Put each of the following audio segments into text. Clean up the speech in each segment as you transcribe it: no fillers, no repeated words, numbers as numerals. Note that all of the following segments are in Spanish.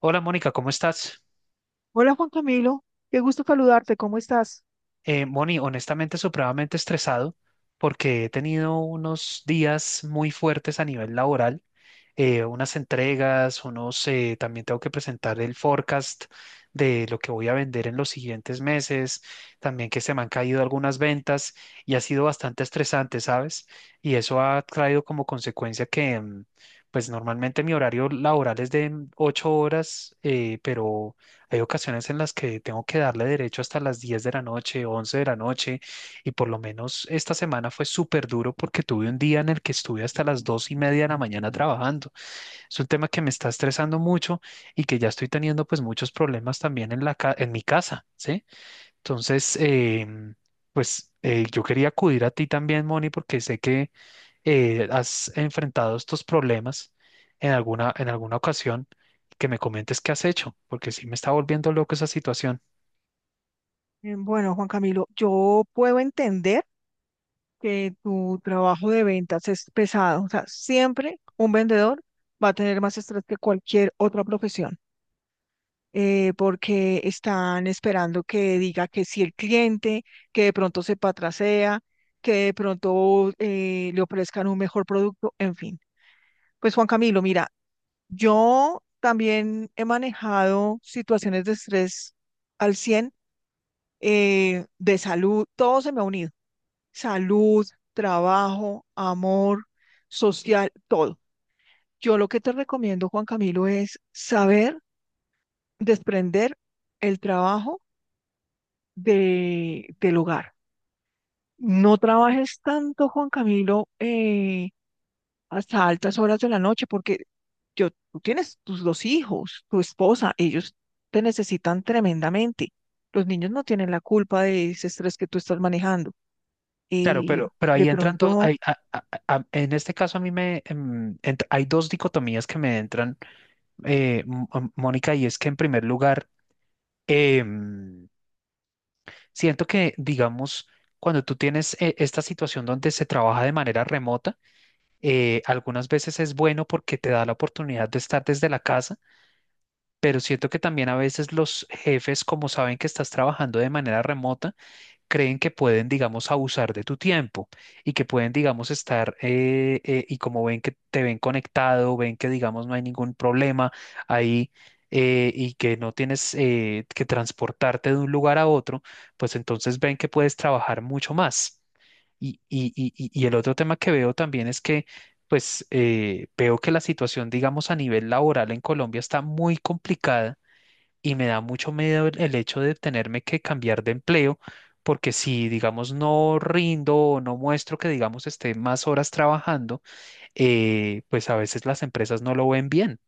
Hola Mónica, ¿cómo estás? Hola Juan Camilo, qué gusto saludarte, ¿cómo estás? Moni, honestamente, supremamente estresado porque he tenido unos días muy fuertes a nivel laboral, unas entregas, también tengo que presentar el forecast de lo que voy a vender en los siguientes meses, también que se me han caído algunas ventas y ha sido bastante estresante, ¿sabes? Y eso ha traído como consecuencia que, pues normalmente mi horario laboral es de 8 horas, pero hay ocasiones en las que tengo que darle derecho hasta las 10 de la noche, 11 de la noche, y por lo menos esta semana fue súper duro porque tuve un día en el que estuve hasta las 2:30 de la mañana trabajando. Es un tema que me está estresando mucho y que ya estoy teniendo pues muchos problemas también en mi casa, ¿sí? Entonces, pues yo quería acudir a ti también, Moni, porque sé que has enfrentado estos problemas en alguna ocasión, que me comentes qué has hecho, porque sí me está volviendo loco esa situación. Bueno, Juan Camilo, yo puedo entender que tu trabajo de ventas es pesado, o sea, siempre un vendedor va a tener más estrés que cualquier otra profesión, porque están esperando que diga que si el cliente, que de pronto se patrasea, que de pronto le ofrezcan un mejor producto, en fin. Pues Juan Camilo, mira, yo también he manejado situaciones de estrés al 100. De salud, todo se me ha unido. Salud, trabajo, amor, social, todo. Yo lo que te recomiendo, Juan Camilo, es saber desprender el trabajo del hogar. No trabajes tanto, Juan Camilo, hasta altas horas de la noche, porque yo, tú tienes tus dos hijos, tu esposa, ellos te necesitan tremendamente. Los niños no tienen la culpa de ese estrés que tú estás manejando. Claro, eh, pero de ahí entran dos, pronto, en este caso a mí me, em, ent- hay dos dicotomías que me entran, Mónica, y es que en primer lugar, em, siento que, digamos, cuando tú tienes esta situación donde se trabaja de manera remota, algunas veces es bueno porque te da la oportunidad de estar desde la casa, pero siento que también a veces los jefes, como saben que estás trabajando de manera remota, creen que pueden, digamos, abusar de tu tiempo y que pueden, digamos, estar y como ven que te ven conectado, ven que, digamos, no hay ningún problema ahí, y que no tienes que transportarte de un lugar a otro, pues entonces ven que puedes trabajar mucho más. Y el otro tema que veo también es que, pues, veo que la situación, digamos, a nivel laboral en Colombia está muy complicada y me da mucho miedo el hecho de tenerme que cambiar de empleo, porque si, digamos, no rindo o no muestro que, digamos, esté más horas trabajando, pues a veces las empresas no lo ven bien.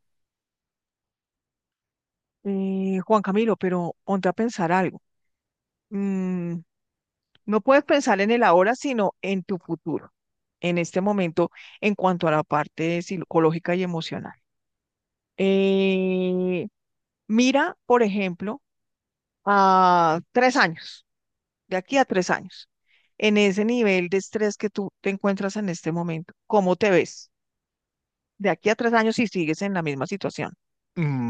Juan Camilo, pero ponte a pensar algo. Mm, no puedes pensar en el ahora, sino en tu futuro, en este momento, en cuanto a la parte psicológica y emocional. Eh, Mira, por ejemplo, a 3 años, de aquí a 3 años, en ese nivel de estrés que tú te encuentras en este momento, ¿cómo te ves? De aquí a tres años si sigues en la misma situación.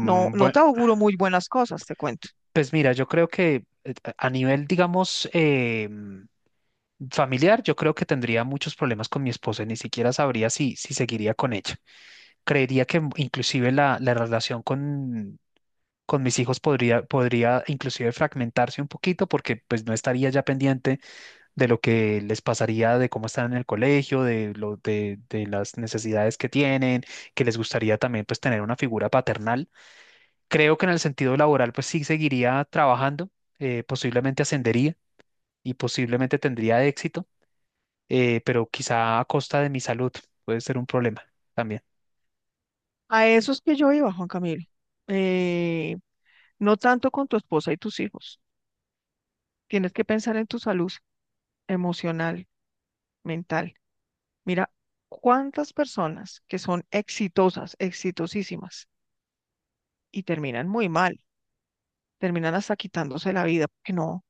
No, no bue- te auguro muy buenas cosas, te cuento. Pues mira, yo creo que a nivel, digamos, familiar, yo creo que tendría muchos problemas con mi esposa y ni siquiera sabría si seguiría con ella. Creería que inclusive la relación con mis hijos podría inclusive fragmentarse un poquito porque pues no estaría ya pendiente de lo que les pasaría, de cómo están en el colegio, de las necesidades que tienen, que les gustaría también pues tener una figura paternal. Creo que en el sentido laboral pues sí seguiría trabajando, posiblemente ascendería y posiblemente tendría éxito, pero quizá a costa de mi salud puede ser un problema también. A eso es que yo iba, Juan Camilo. Eh, no tanto con tu esposa y tus hijos. Tienes que pensar en tu salud emocional, mental. Mira, cuántas personas que son exitosas, exitosísimas, y terminan muy mal, terminan hasta quitándose la vida porque no.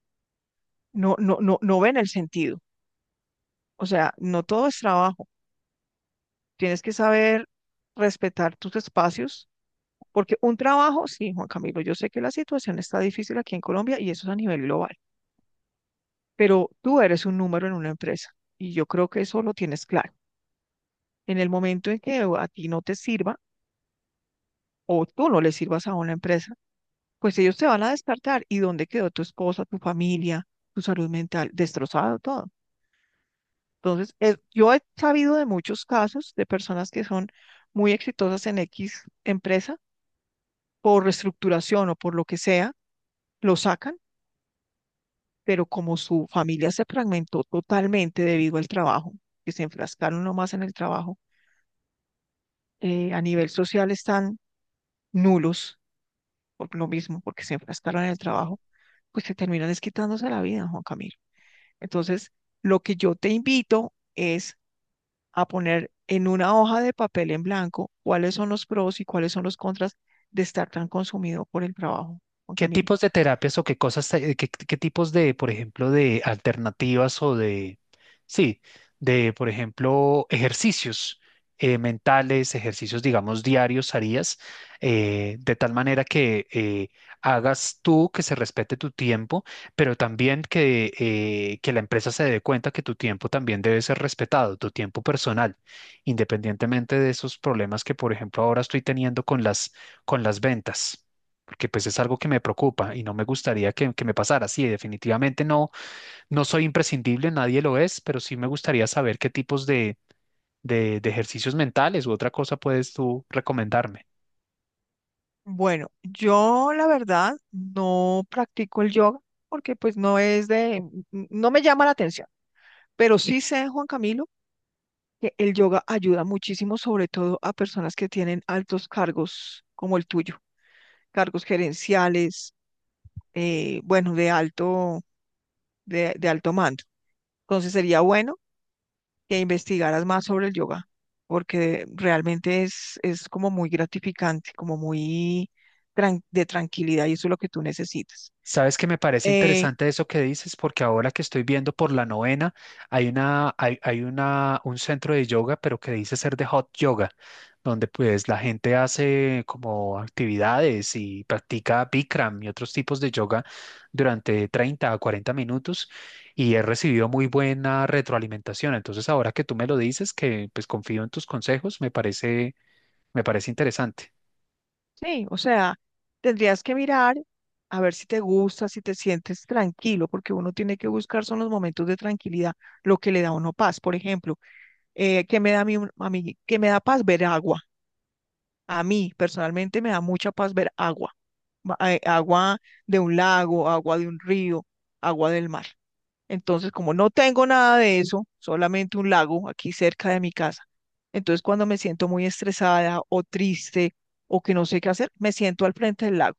No, no, no, no ven el sentido. O sea, no todo es trabajo. Tienes que saber respetar tus espacios, porque un trabajo, sí, Juan Camilo, yo sé que la situación está difícil aquí en Colombia y eso es a nivel global, pero tú eres un número en una empresa y yo creo que eso lo tienes claro. En el momento en que a ti no te sirva o tú no le sirvas a una empresa, pues ellos te van a descartar. ¿Y dónde quedó tu esposa, tu familia, tu salud mental? Destrozado todo. Entonces, yo he sabido de muchos casos de personas que son muy exitosas en X empresa por reestructuración o por lo que sea, lo sacan, pero como su familia se fragmentó totalmente debido al trabajo, que se enfrascaron nomás en el trabajo, a nivel social están nulos por lo mismo, porque se enfrascaron en el trabajo, pues se terminan es quitándose la vida, Juan Camilo. Entonces, lo que yo te invito es a poner en una hoja de papel en blanco cuáles son los pros y cuáles son los contras de estar tan consumido por el trabajo, Juan ¿Qué Camilo. tipos de terapias o qué cosas, qué tipos de, por ejemplo, de alternativas o sí, por ejemplo, ejercicios mentales, ejercicios, digamos, diarios harías? De tal manera que hagas tú, que se respete tu tiempo, pero también que la empresa se dé cuenta que tu tiempo también debe ser respetado, tu tiempo personal, independientemente de esos problemas que, por ejemplo, ahora estoy teniendo con las ventas porque pues es algo que me preocupa y no me gustaría que me pasara. Sí, definitivamente no, no soy imprescindible, nadie lo es, pero sí me gustaría saber qué tipos de ejercicios mentales u otra cosa puedes tú recomendarme. Bueno, yo la verdad no practico el yoga porque pues no es de, no me llama la atención, pero sí sé, Juan Camilo, que el yoga ayuda muchísimo, sobre todo a personas que tienen altos cargos como el tuyo, cargos gerenciales, bueno, de alto, de alto mando. Entonces sería bueno que investigaras más sobre el yoga, porque realmente es como muy gratificante, como muy de tranquilidad y eso es lo que tú necesitas. Sabes que me parece Eh, interesante eso que dices, porque ahora que estoy viendo por la novena, hay una, hay una, un centro de yoga, pero que dice ser de hot yoga, donde pues la gente hace como actividades y practica Bikram y otros tipos de yoga durante 30 a 40 minutos y he recibido muy buena retroalimentación. Entonces, ahora que tú me lo dices, que pues confío en tus consejos, me parece interesante. sí, o sea, tendrías que mirar a ver si te gusta, si te sientes tranquilo, porque uno tiene que buscar son los momentos de tranquilidad, lo que le da a uno paz. Por ejemplo, ¿qué me da a mí, qué me da paz? Ver agua. A mí personalmente me da mucha paz ver agua, agua de un lago, agua de un río, agua del mar. Entonces, como no tengo nada de eso, solamente un lago aquí cerca de mi casa, entonces cuando me siento muy estresada o triste o que no sé qué hacer, me siento al frente del lago,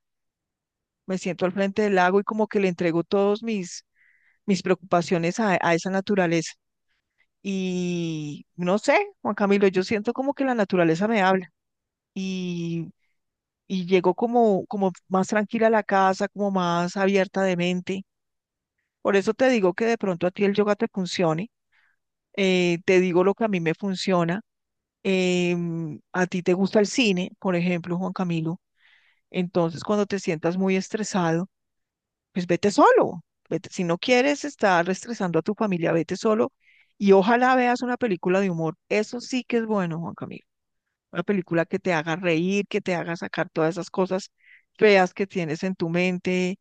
me siento al frente del lago y como que le entrego todos mis preocupaciones a esa naturaleza. Y no sé, Juan Camilo, yo siento como que la naturaleza me habla y, y llego como más tranquila a la casa, como más abierta de mente. Por eso te digo que de pronto a ti el yoga te funcione, te digo lo que a mí me funciona. A ti te gusta el cine, por ejemplo, Juan Camilo. Entonces, cuando te sientas muy estresado, pues vete solo. Vete. Si no quieres estar estresando a tu familia, vete solo y ojalá veas una película de humor. Eso sí que es bueno, Juan Camilo. Una película que te haga reír, que te haga sacar todas esas cosas feas que tienes en tu mente,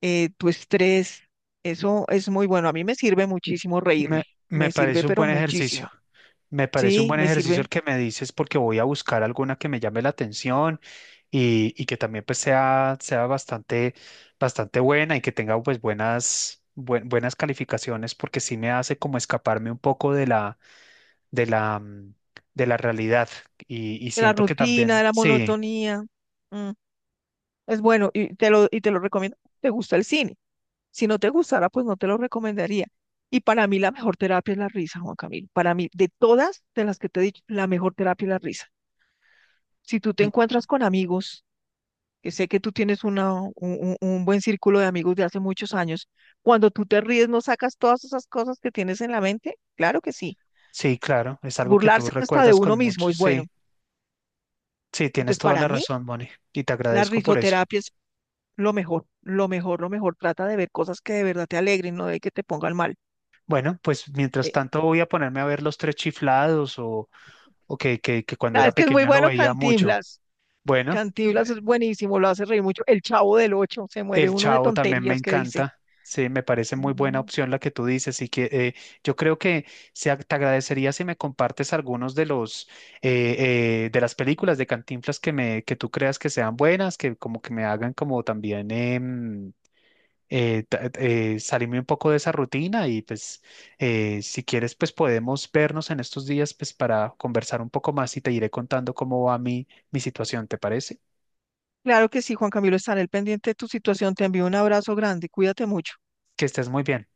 tu estrés. Eso es muy bueno. A mí me sirve muchísimo reírme. Me, me Me sirve, parece un pero buen ejercicio. muchísimo. Me parece un Sí, buen me ejercicio sirve. el que me dices porque voy a buscar alguna que me llame la atención y que también pues sea bastante buena y que tenga pues buenas calificaciones porque sí me hace como escaparme un poco de la, mm, de la realidad y De la siento que rutina, de también, la sí, monotonía. mm, Es bueno y te lo recomiendo. ¿Te gusta el cine? Si no te gustara, pues no te lo recomendaría. Y para mí la mejor terapia es la risa, Juan Camilo. Para mí, de todas de las que te he dicho, la mejor terapia es la risa. Si tú te mm, encuentras con amigos, que sé que tú tienes un buen círculo de amigos de hace muchos años, cuando tú te ríes, ¿no sacas todas esas cosas que tienes en la mente? Claro que sí. sí, claro, es algo que tú Burlarse hasta de recuerdas con uno mismo mucho, es sí, bueno. sí, tienes Entonces, toda para la mí, razón, Moni, y te la agradezco por eso. risoterapia es lo mejor, lo mejor, lo mejor. Trata de ver cosas que de verdad te alegren, no de que te pongan mal. Bueno, pues mientras Eh, tanto voy a ponerme a ver los tres chiflados o que, que cuando era sabes que es muy pequeño lo bueno veía mucho. Cantinflas. Bueno, eh, Cantinflas es buenísimo, lo hace reír mucho. El Chavo del Ocho, se muere el uno de Chavo también me tonterías que dice. encanta. Sí, me parece muy buena Sí. opción la que tú dices. Y que yo creo que te agradecería si me compartes algunos de las películas de Cantinflas que tú creas que sean buenas, que como que me hagan como también salirme un poco de esa rutina y pues si quieres pues podemos vernos en estos días pues para conversar un poco más y te iré contando cómo va mi situación, ¿te parece? Claro que sí, Juan Camilo, estaré al pendiente de tu situación. Te envío un abrazo grande. Cuídate mucho. Que estés muy bien.